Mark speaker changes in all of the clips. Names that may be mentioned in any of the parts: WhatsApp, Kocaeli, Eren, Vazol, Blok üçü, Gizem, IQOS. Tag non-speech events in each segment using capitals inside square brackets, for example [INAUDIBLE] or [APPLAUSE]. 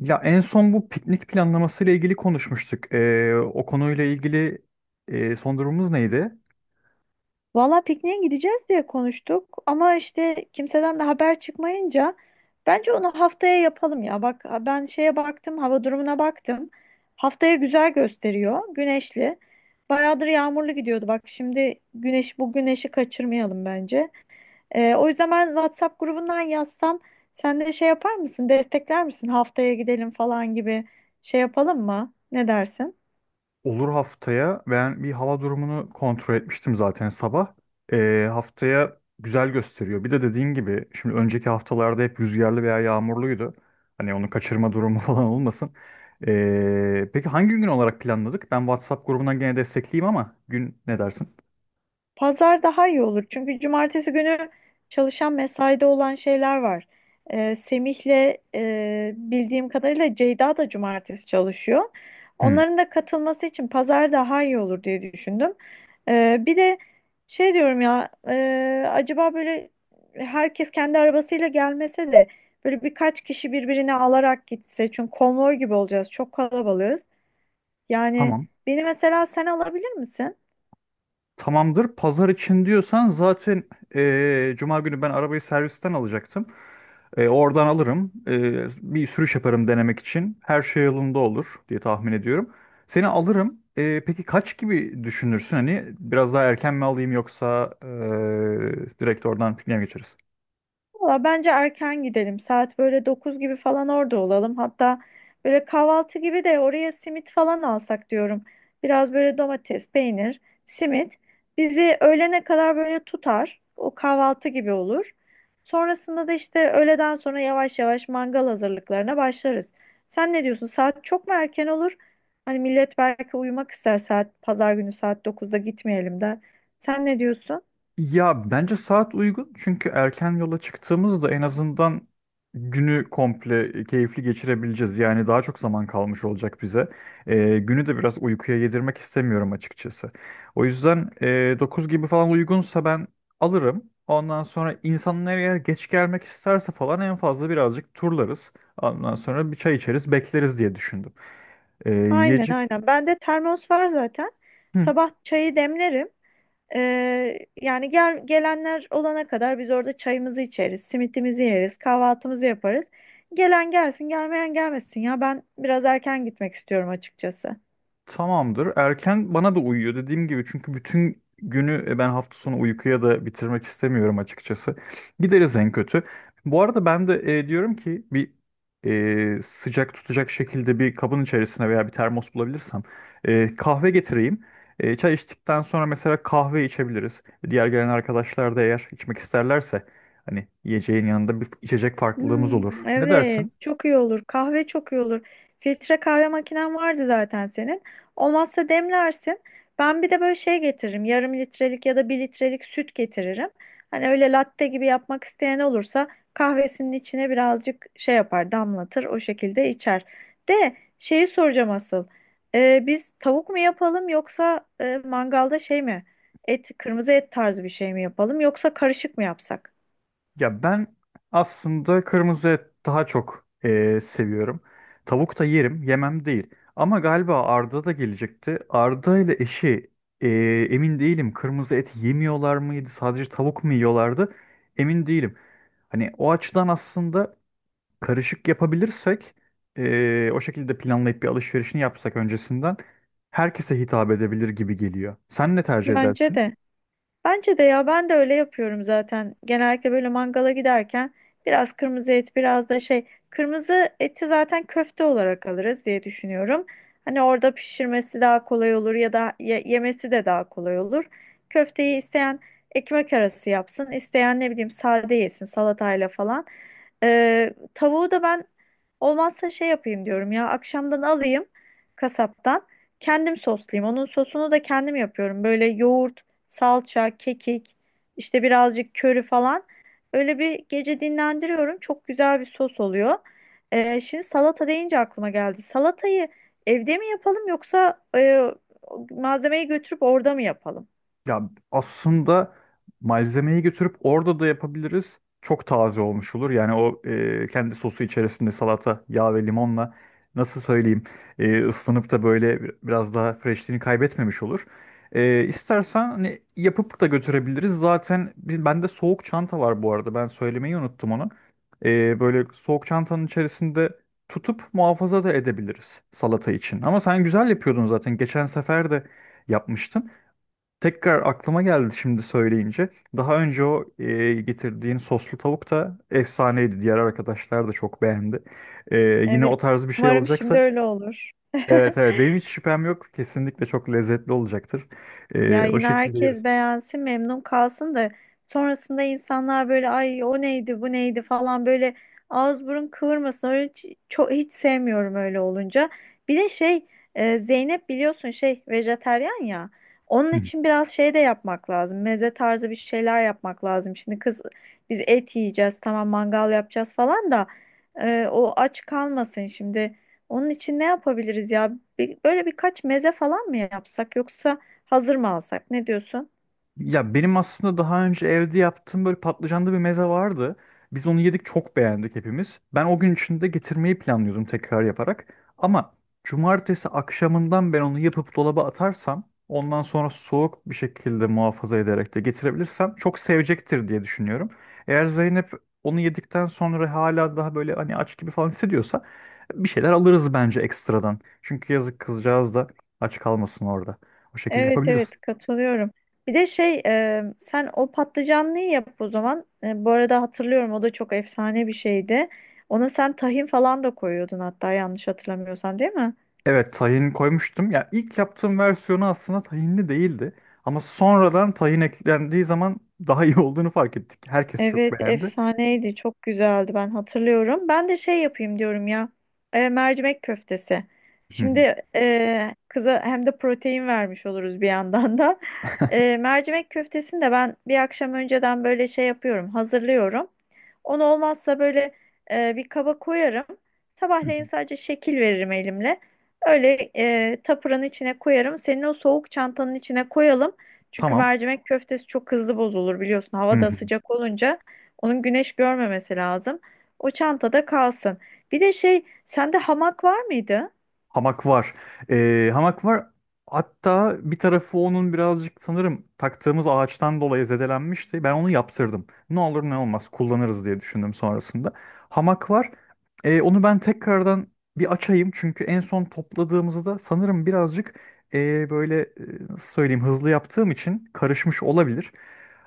Speaker 1: Ya en son bu piknik planlaması ile ilgili konuşmuştuk. O konuyla ilgili son durumumuz neydi?
Speaker 2: Valla pikniğe gideceğiz diye konuştuk ama işte kimseden de haber çıkmayınca bence onu haftaya yapalım ya. Bak ben şeye baktım, hava durumuna baktım. Haftaya güzel gösteriyor, güneşli. Bayağıdır yağmurlu gidiyordu bak şimdi güneş bu güneşi kaçırmayalım bence. O yüzden ben WhatsApp grubundan yazsam sen de şey yapar mısın, destekler misin haftaya gidelim falan gibi şey yapalım mı? Ne dersin?
Speaker 1: Olur, haftaya ben bir hava durumunu kontrol etmiştim zaten sabah. Haftaya güzel gösteriyor. Bir de dediğin gibi şimdi önceki haftalarda hep rüzgarlı veya yağmurluydu. Hani onu kaçırma durumu [LAUGHS] falan olmasın. Peki hangi gün olarak planladık? Ben WhatsApp grubundan gene destekleyeyim ama gün ne dersin?
Speaker 2: Pazar daha iyi olur. Çünkü cumartesi günü çalışan mesaide olan şeyler var. Semih'le bildiğim kadarıyla Ceyda da cumartesi çalışıyor.
Speaker 1: Hmm,
Speaker 2: Onların da katılması için pazar daha iyi olur diye düşündüm. Bir de şey diyorum ya acaba böyle herkes kendi arabasıyla gelmese de böyle birkaç kişi birbirini alarak gitse. Çünkü konvoy gibi olacağız. Çok kalabalığız. Yani
Speaker 1: tamam.
Speaker 2: beni mesela sen alabilir misin?
Speaker 1: Tamamdır. Pazar için diyorsan zaten Cuma günü ben arabayı servisten alacaktım. Oradan alırım. Bir sürüş yaparım denemek için. Her şey yolunda olur diye tahmin ediyorum. Seni alırım. Peki kaç gibi düşünürsün? Hani biraz daha erken mi alayım yoksa direkt oradan pikniğe mi geçeriz?
Speaker 2: Valla bence erken gidelim. Saat böyle 9 gibi falan orada olalım. Hatta böyle kahvaltı gibi de oraya simit falan alsak diyorum. Biraz böyle domates, peynir, simit bizi öğlene kadar böyle tutar. O kahvaltı gibi olur. Sonrasında da işte öğleden sonra yavaş yavaş mangal hazırlıklarına başlarız. Sen ne diyorsun? Saat çok mu erken olur? Hani millet belki uyumak ister saat pazar günü saat dokuzda gitmeyelim de. Sen ne diyorsun?
Speaker 1: Ya bence saat uygun, çünkü erken yola çıktığımızda en azından günü komple keyifli geçirebileceğiz. Yani daha çok zaman kalmış olacak bize. Günü de biraz uykuya yedirmek istemiyorum açıkçası. O yüzden 9 gibi falan uygunsa ben alırım. Ondan sonra insanlar eğer geç gelmek isterse falan en fazla birazcık turlarız. Ondan sonra bir çay içeriz, bekleriz diye düşündüm.
Speaker 2: Aynen
Speaker 1: Yiyecek.
Speaker 2: aynen. Bende termos var zaten. Sabah çayı demlerim. Yani gel, gelenler olana kadar biz orada çayımızı içeriz, simitimizi yeriz, kahvaltımızı yaparız. Gelen gelsin, gelmeyen gelmesin ya. Ben biraz erken gitmek istiyorum açıkçası.
Speaker 1: Tamamdır. Erken bana da uyuyor, dediğim gibi, çünkü bütün günü ben hafta sonu uykuya da bitirmek istemiyorum açıkçası. Gideriz en kötü. Bu arada ben de diyorum ki bir sıcak tutacak şekilde bir kabın içerisine veya bir termos bulabilirsem kahve getireyim. Çay içtikten sonra mesela kahve içebiliriz. Diğer gelen arkadaşlar da eğer içmek isterlerse hani yiyeceğin yanında bir içecek farklılığımız olur.
Speaker 2: Hmm,
Speaker 1: Ne dersin?
Speaker 2: evet, çok iyi olur. Kahve çok iyi olur. Filtre kahve makinen vardı zaten senin. Olmazsa demlersin. Ben bir de böyle şey getiririm. Yarım litrelik ya da bir litrelik süt getiririm. Hani öyle latte gibi yapmak isteyen olursa kahvesinin içine birazcık şey yapar, damlatır, o şekilde içer. De şeyi soracağım asıl. Biz tavuk mu yapalım yoksa mangalda şey mi? Et, kırmızı et tarzı bir şey mi yapalım yoksa karışık mı yapsak?
Speaker 1: Ya ben aslında kırmızı et daha çok seviyorum. Tavuk da yerim, yemem değil. Ama galiba Arda da gelecekti. Arda ile eşi emin değilim. Kırmızı et yemiyorlar mıydı? Sadece tavuk mu yiyorlardı? Emin değilim. Hani o açıdan aslında karışık yapabilirsek o şekilde planlayıp bir alışverişini yapsak öncesinden, herkese hitap edebilir gibi geliyor. Sen ne tercih
Speaker 2: Bence
Speaker 1: edersin?
Speaker 2: de. Bence de ya ben de öyle yapıyorum zaten. Genellikle böyle mangala giderken biraz kırmızı et, biraz da şey kırmızı eti zaten köfte olarak alırız diye düşünüyorum. Hani orada pişirmesi daha kolay olur ya da yemesi de daha kolay olur. Köfteyi isteyen ekmek arası yapsın, isteyen ne bileyim sade yesin salatayla falan. Tavuğu da ben olmazsa şey yapayım diyorum ya akşamdan alayım kasaptan. Kendim soslayayım. Onun sosunu da kendim yapıyorum. Böyle yoğurt salça, kekik, işte birazcık köri falan. Öyle bir gece dinlendiriyorum. Çok güzel bir sos oluyor. Şimdi salata deyince aklıma geldi. Salatayı evde mi yapalım yoksa malzemeyi götürüp orada mı yapalım?
Speaker 1: Ya aslında malzemeyi götürüp orada da yapabiliriz. Çok taze olmuş olur. Yani o kendi sosu içerisinde salata, yağ ve limonla, nasıl söyleyeyim, ıslanıp da böyle biraz daha freshliğini kaybetmemiş olur. İstersen hani yapıp da götürebiliriz. Zaten biz, bende soğuk çanta var bu arada. Ben söylemeyi unuttum onu. Böyle soğuk çantanın içerisinde tutup muhafaza da edebiliriz salata için. Ama sen güzel yapıyordun zaten. Geçen sefer de yapmıştın. Tekrar aklıma geldi şimdi söyleyince. Daha önce o getirdiğin soslu tavuk da efsaneydi. Diğer arkadaşlar da çok beğendi. Yine
Speaker 2: Evet.
Speaker 1: o tarz bir şey
Speaker 2: Umarım şimdi
Speaker 1: olacaksa,
Speaker 2: öyle olur.
Speaker 1: evet
Speaker 2: [LAUGHS]
Speaker 1: evet, benim hiç şüphem yok. Kesinlikle çok lezzetli olacaktır.
Speaker 2: Ya
Speaker 1: O
Speaker 2: yine
Speaker 1: şekilde yeriz.
Speaker 2: herkes beğensin, memnun kalsın da sonrasında insanlar böyle ay o neydi, bu neydi falan böyle ağız burun kıvırmasın. Öyle hiç, çok hiç sevmiyorum öyle olunca. Bir de şey Zeynep biliyorsun şey vejetaryen ya. Onun
Speaker 1: Hı.
Speaker 2: için biraz şey de yapmak lazım. Meze tarzı bir şeyler yapmak lazım. Şimdi kız biz et yiyeceğiz, tamam mangal yapacağız falan da o aç kalmasın şimdi. Onun için ne yapabiliriz ya? Bir- böyle birkaç meze falan mı yapsak yoksa hazır mı alsak? Ne diyorsun?
Speaker 1: Ya benim aslında daha önce evde yaptığım böyle patlıcanlı bir meze vardı. Biz onu yedik, çok beğendik hepimiz. Ben o gün içinde getirmeyi planlıyordum tekrar yaparak. Ama cumartesi akşamından ben onu yapıp dolaba atarsam, ondan sonra soğuk bir şekilde muhafaza ederek de getirebilirsem çok sevecektir diye düşünüyorum. Eğer Zeynep onu yedikten sonra hala daha böyle hani aç gibi falan hissediyorsa, bir şeyler alırız bence ekstradan. Çünkü yazık, kızcağız da aç kalmasın orada. O şekilde
Speaker 2: Evet
Speaker 1: yapabiliriz.
Speaker 2: evet katılıyorum. Bir de şey sen o patlıcanlıyı yap o zaman. Bu arada hatırlıyorum o da çok efsane bir şeydi. Ona sen tahin falan da koyuyordun hatta yanlış hatırlamıyorsam değil mi?
Speaker 1: Evet, tahin koymuştum. Ya ilk yaptığım versiyonu aslında tahinli değildi. Ama sonradan tahin eklendiği zaman daha iyi [LAUGHS] olduğunu fark ettik. Herkes çok
Speaker 2: Evet
Speaker 1: beğendi.
Speaker 2: efsaneydi çok güzeldi ben hatırlıyorum. Ben de şey yapayım diyorum ya mercimek köftesi.
Speaker 1: Hı hı.
Speaker 2: Şimdi kıza hem de protein vermiş oluruz bir yandan da. Mercimek köftesini de ben bir akşam önceden böyle şey yapıyorum hazırlıyorum. Onu olmazsa böyle bir kaba koyarım.
Speaker 1: Hı hı.
Speaker 2: Sabahleyin sadece şekil veririm elimle. Öyle tapuranın içine koyarım. Senin o soğuk çantanın içine koyalım. Çünkü
Speaker 1: Tamam.
Speaker 2: mercimek köftesi çok hızlı bozulur biliyorsun. Hava da sıcak olunca onun güneş görmemesi lazım. O çantada kalsın. Bir de şey, sende hamak var mıydı?
Speaker 1: Hamak var. Hamak var. Hatta bir tarafı onun birazcık sanırım taktığımız ağaçtan dolayı zedelenmişti. Ben onu yaptırdım. Ne olur ne olmaz kullanırız diye düşündüm sonrasında. Hamak var. Onu ben tekrardan bir açayım. Çünkü en son topladığımızda sanırım birazcık böyle nasıl söyleyeyim, hızlı yaptığım için karışmış olabilir.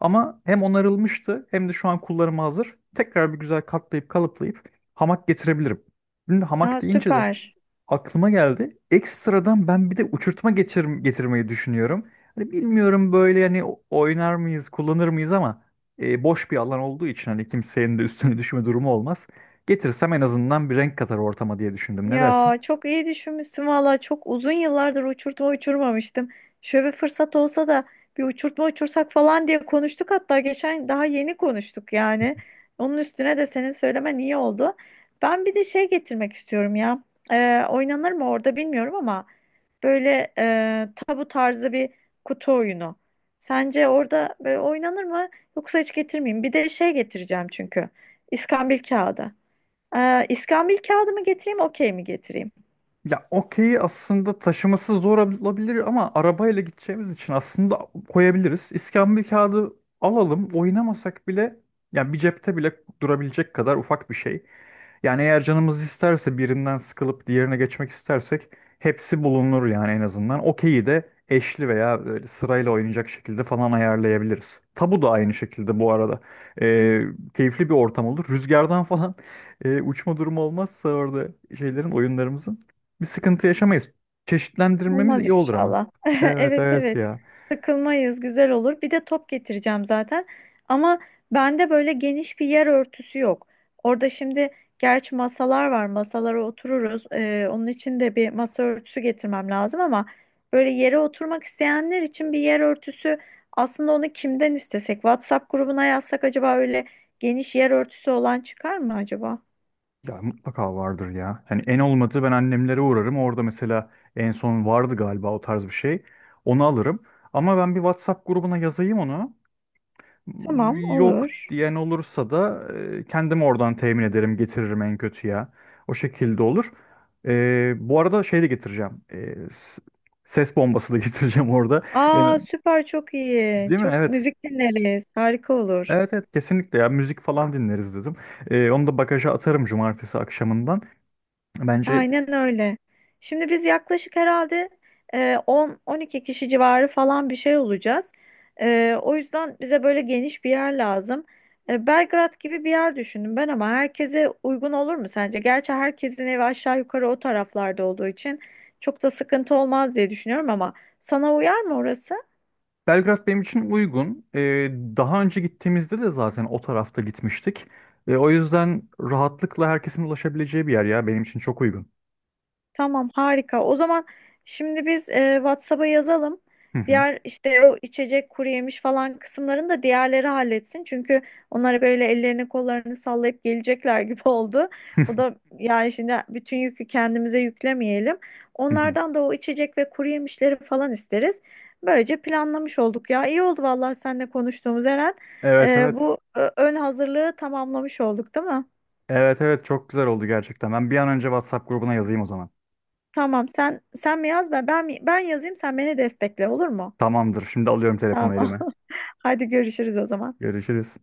Speaker 1: Ama hem onarılmıştı hem de şu an kullanıma hazır. Tekrar bir güzel katlayıp kalıplayıp hamak getirebilirim. Şimdi
Speaker 2: Aa,
Speaker 1: hamak deyince de
Speaker 2: süper.
Speaker 1: aklıma geldi. Ekstradan ben bir de uçurtma geçir getirmeyi düşünüyorum. Hani bilmiyorum, böyle hani oynar mıyız, kullanır mıyız, ama boş bir alan olduğu için hani kimsenin de üstüne düşme durumu olmaz. Getirsem en azından bir renk katar ortama diye düşündüm. Ne dersin?
Speaker 2: Ya çok iyi düşünmüşsün valla çok uzun yıllardır uçurtma uçurmamıştım. Şöyle bir fırsat olsa da bir uçurtma uçursak falan diye konuştuk hatta geçen daha yeni konuştuk yani. Onun üstüne de senin söylemen iyi oldu. Ben bir de şey getirmek istiyorum ya. Oynanır mı orada bilmiyorum ama böyle tabu tarzı bir kutu oyunu. Sence orada böyle oynanır mı yoksa hiç getirmeyeyim? Bir de şey getireceğim çünkü. İskambil kağıdı. İskambil kağıdı mı getireyim, okey mi getireyim?
Speaker 1: Ya okey aslında taşıması zor olabilir, ama arabayla gideceğimiz için aslında koyabiliriz. İskambil kağıdı alalım. Oynamasak bile, yani bir cepte bile durabilecek kadar ufak bir şey. Yani eğer canımız isterse birinden sıkılıp diğerine geçmek istersek hepsi bulunur yani en azından. Okeyi de eşli veya böyle sırayla oynayacak şekilde falan ayarlayabiliriz. Tabu da aynı şekilde bu arada. Ee, Keyifli bir ortam olur. Rüzgardan [LAUGHS] falan uçma durumu olmazsa orada şeylerin, oyunlarımızın. Bir sıkıntı yaşamayız. Çeşitlendirmemiz
Speaker 2: Olmaz
Speaker 1: iyi olur ama.
Speaker 2: inşallah. [LAUGHS]
Speaker 1: Evet
Speaker 2: Evet
Speaker 1: evet
Speaker 2: evet.
Speaker 1: ya.
Speaker 2: Sıkılmayız, güzel olur. Bir de top getireceğim zaten. Ama bende böyle geniş bir yer örtüsü yok. Orada şimdi gerçi masalar var. Masalara otururuz. Onun için de bir masa örtüsü getirmem lazım ama böyle yere oturmak isteyenler için bir yer örtüsü aslında onu kimden istesek? WhatsApp grubuna yazsak acaba öyle geniş yer örtüsü olan çıkar mı acaba?
Speaker 1: Ya mutlaka vardır ya. Yani en olmadı ben annemlere uğrarım. Orada mesela en son vardı galiba o tarz bir şey. Onu alırım. Ama ben bir WhatsApp grubuna yazayım onu.
Speaker 2: Tamam,
Speaker 1: Yok
Speaker 2: olur.
Speaker 1: diyen olursa da kendim oradan temin ederim, getiririm en kötü ya. O şekilde olur. Bu arada şey de getireceğim. Ses bombası da [LAUGHS] getireceğim orada. Yani,
Speaker 2: Aa süper çok iyi.
Speaker 1: değil mi?
Speaker 2: Çok
Speaker 1: Evet.
Speaker 2: müzik dinleriz. Harika olur.
Speaker 1: Evet evet, kesinlikle ya, müzik falan dinleriz dedim. Onu da bagaja atarım cumartesi akşamından. Bence
Speaker 2: Aynen öyle. Şimdi biz yaklaşık herhalde 10-12 kişi civarı falan bir şey olacağız. O yüzden bize böyle geniş bir yer lazım. Belgrad gibi bir yer düşündüm ben ama herkese uygun olur mu sence? Gerçi herkesin evi aşağı yukarı o taraflarda olduğu için çok da sıkıntı olmaz diye düşünüyorum ama sana uyar mı orası?
Speaker 1: Belgrad benim için uygun. Daha önce gittiğimizde de zaten o tarafta gitmiştik. O yüzden rahatlıkla herkesin ulaşabileceği bir yer, ya benim için çok uygun.
Speaker 2: Tamam harika. O zaman şimdi biz WhatsApp'a yazalım.
Speaker 1: Hı hı.
Speaker 2: Diğer işte o içecek kuru yemiş falan kısımlarını da diğerleri halletsin. Çünkü onlar böyle ellerini kollarını sallayıp gelecekler gibi [LAUGHS] oldu. O
Speaker 1: [LAUGHS]
Speaker 2: da yani şimdi bütün yükü kendimize yüklemeyelim.
Speaker 1: Hı hı.
Speaker 2: Onlardan da o içecek ve kuru yemişleri falan isteriz. Böylece planlamış olduk ya. İyi oldu vallahi seninle konuştuğumuz Eren.
Speaker 1: Evet evet.
Speaker 2: Bu ön hazırlığı tamamlamış olduk, değil mi?
Speaker 1: Evet evet, çok güzel oldu gerçekten. Ben bir an önce WhatsApp grubuna yazayım o zaman.
Speaker 2: Tamam sen mi yaz ben yazayım sen beni destekle olur mu?
Speaker 1: Tamamdır. Şimdi alıyorum telefonu
Speaker 2: Tamam.
Speaker 1: elime.
Speaker 2: [LAUGHS] Hadi görüşürüz o zaman.
Speaker 1: Görüşürüz.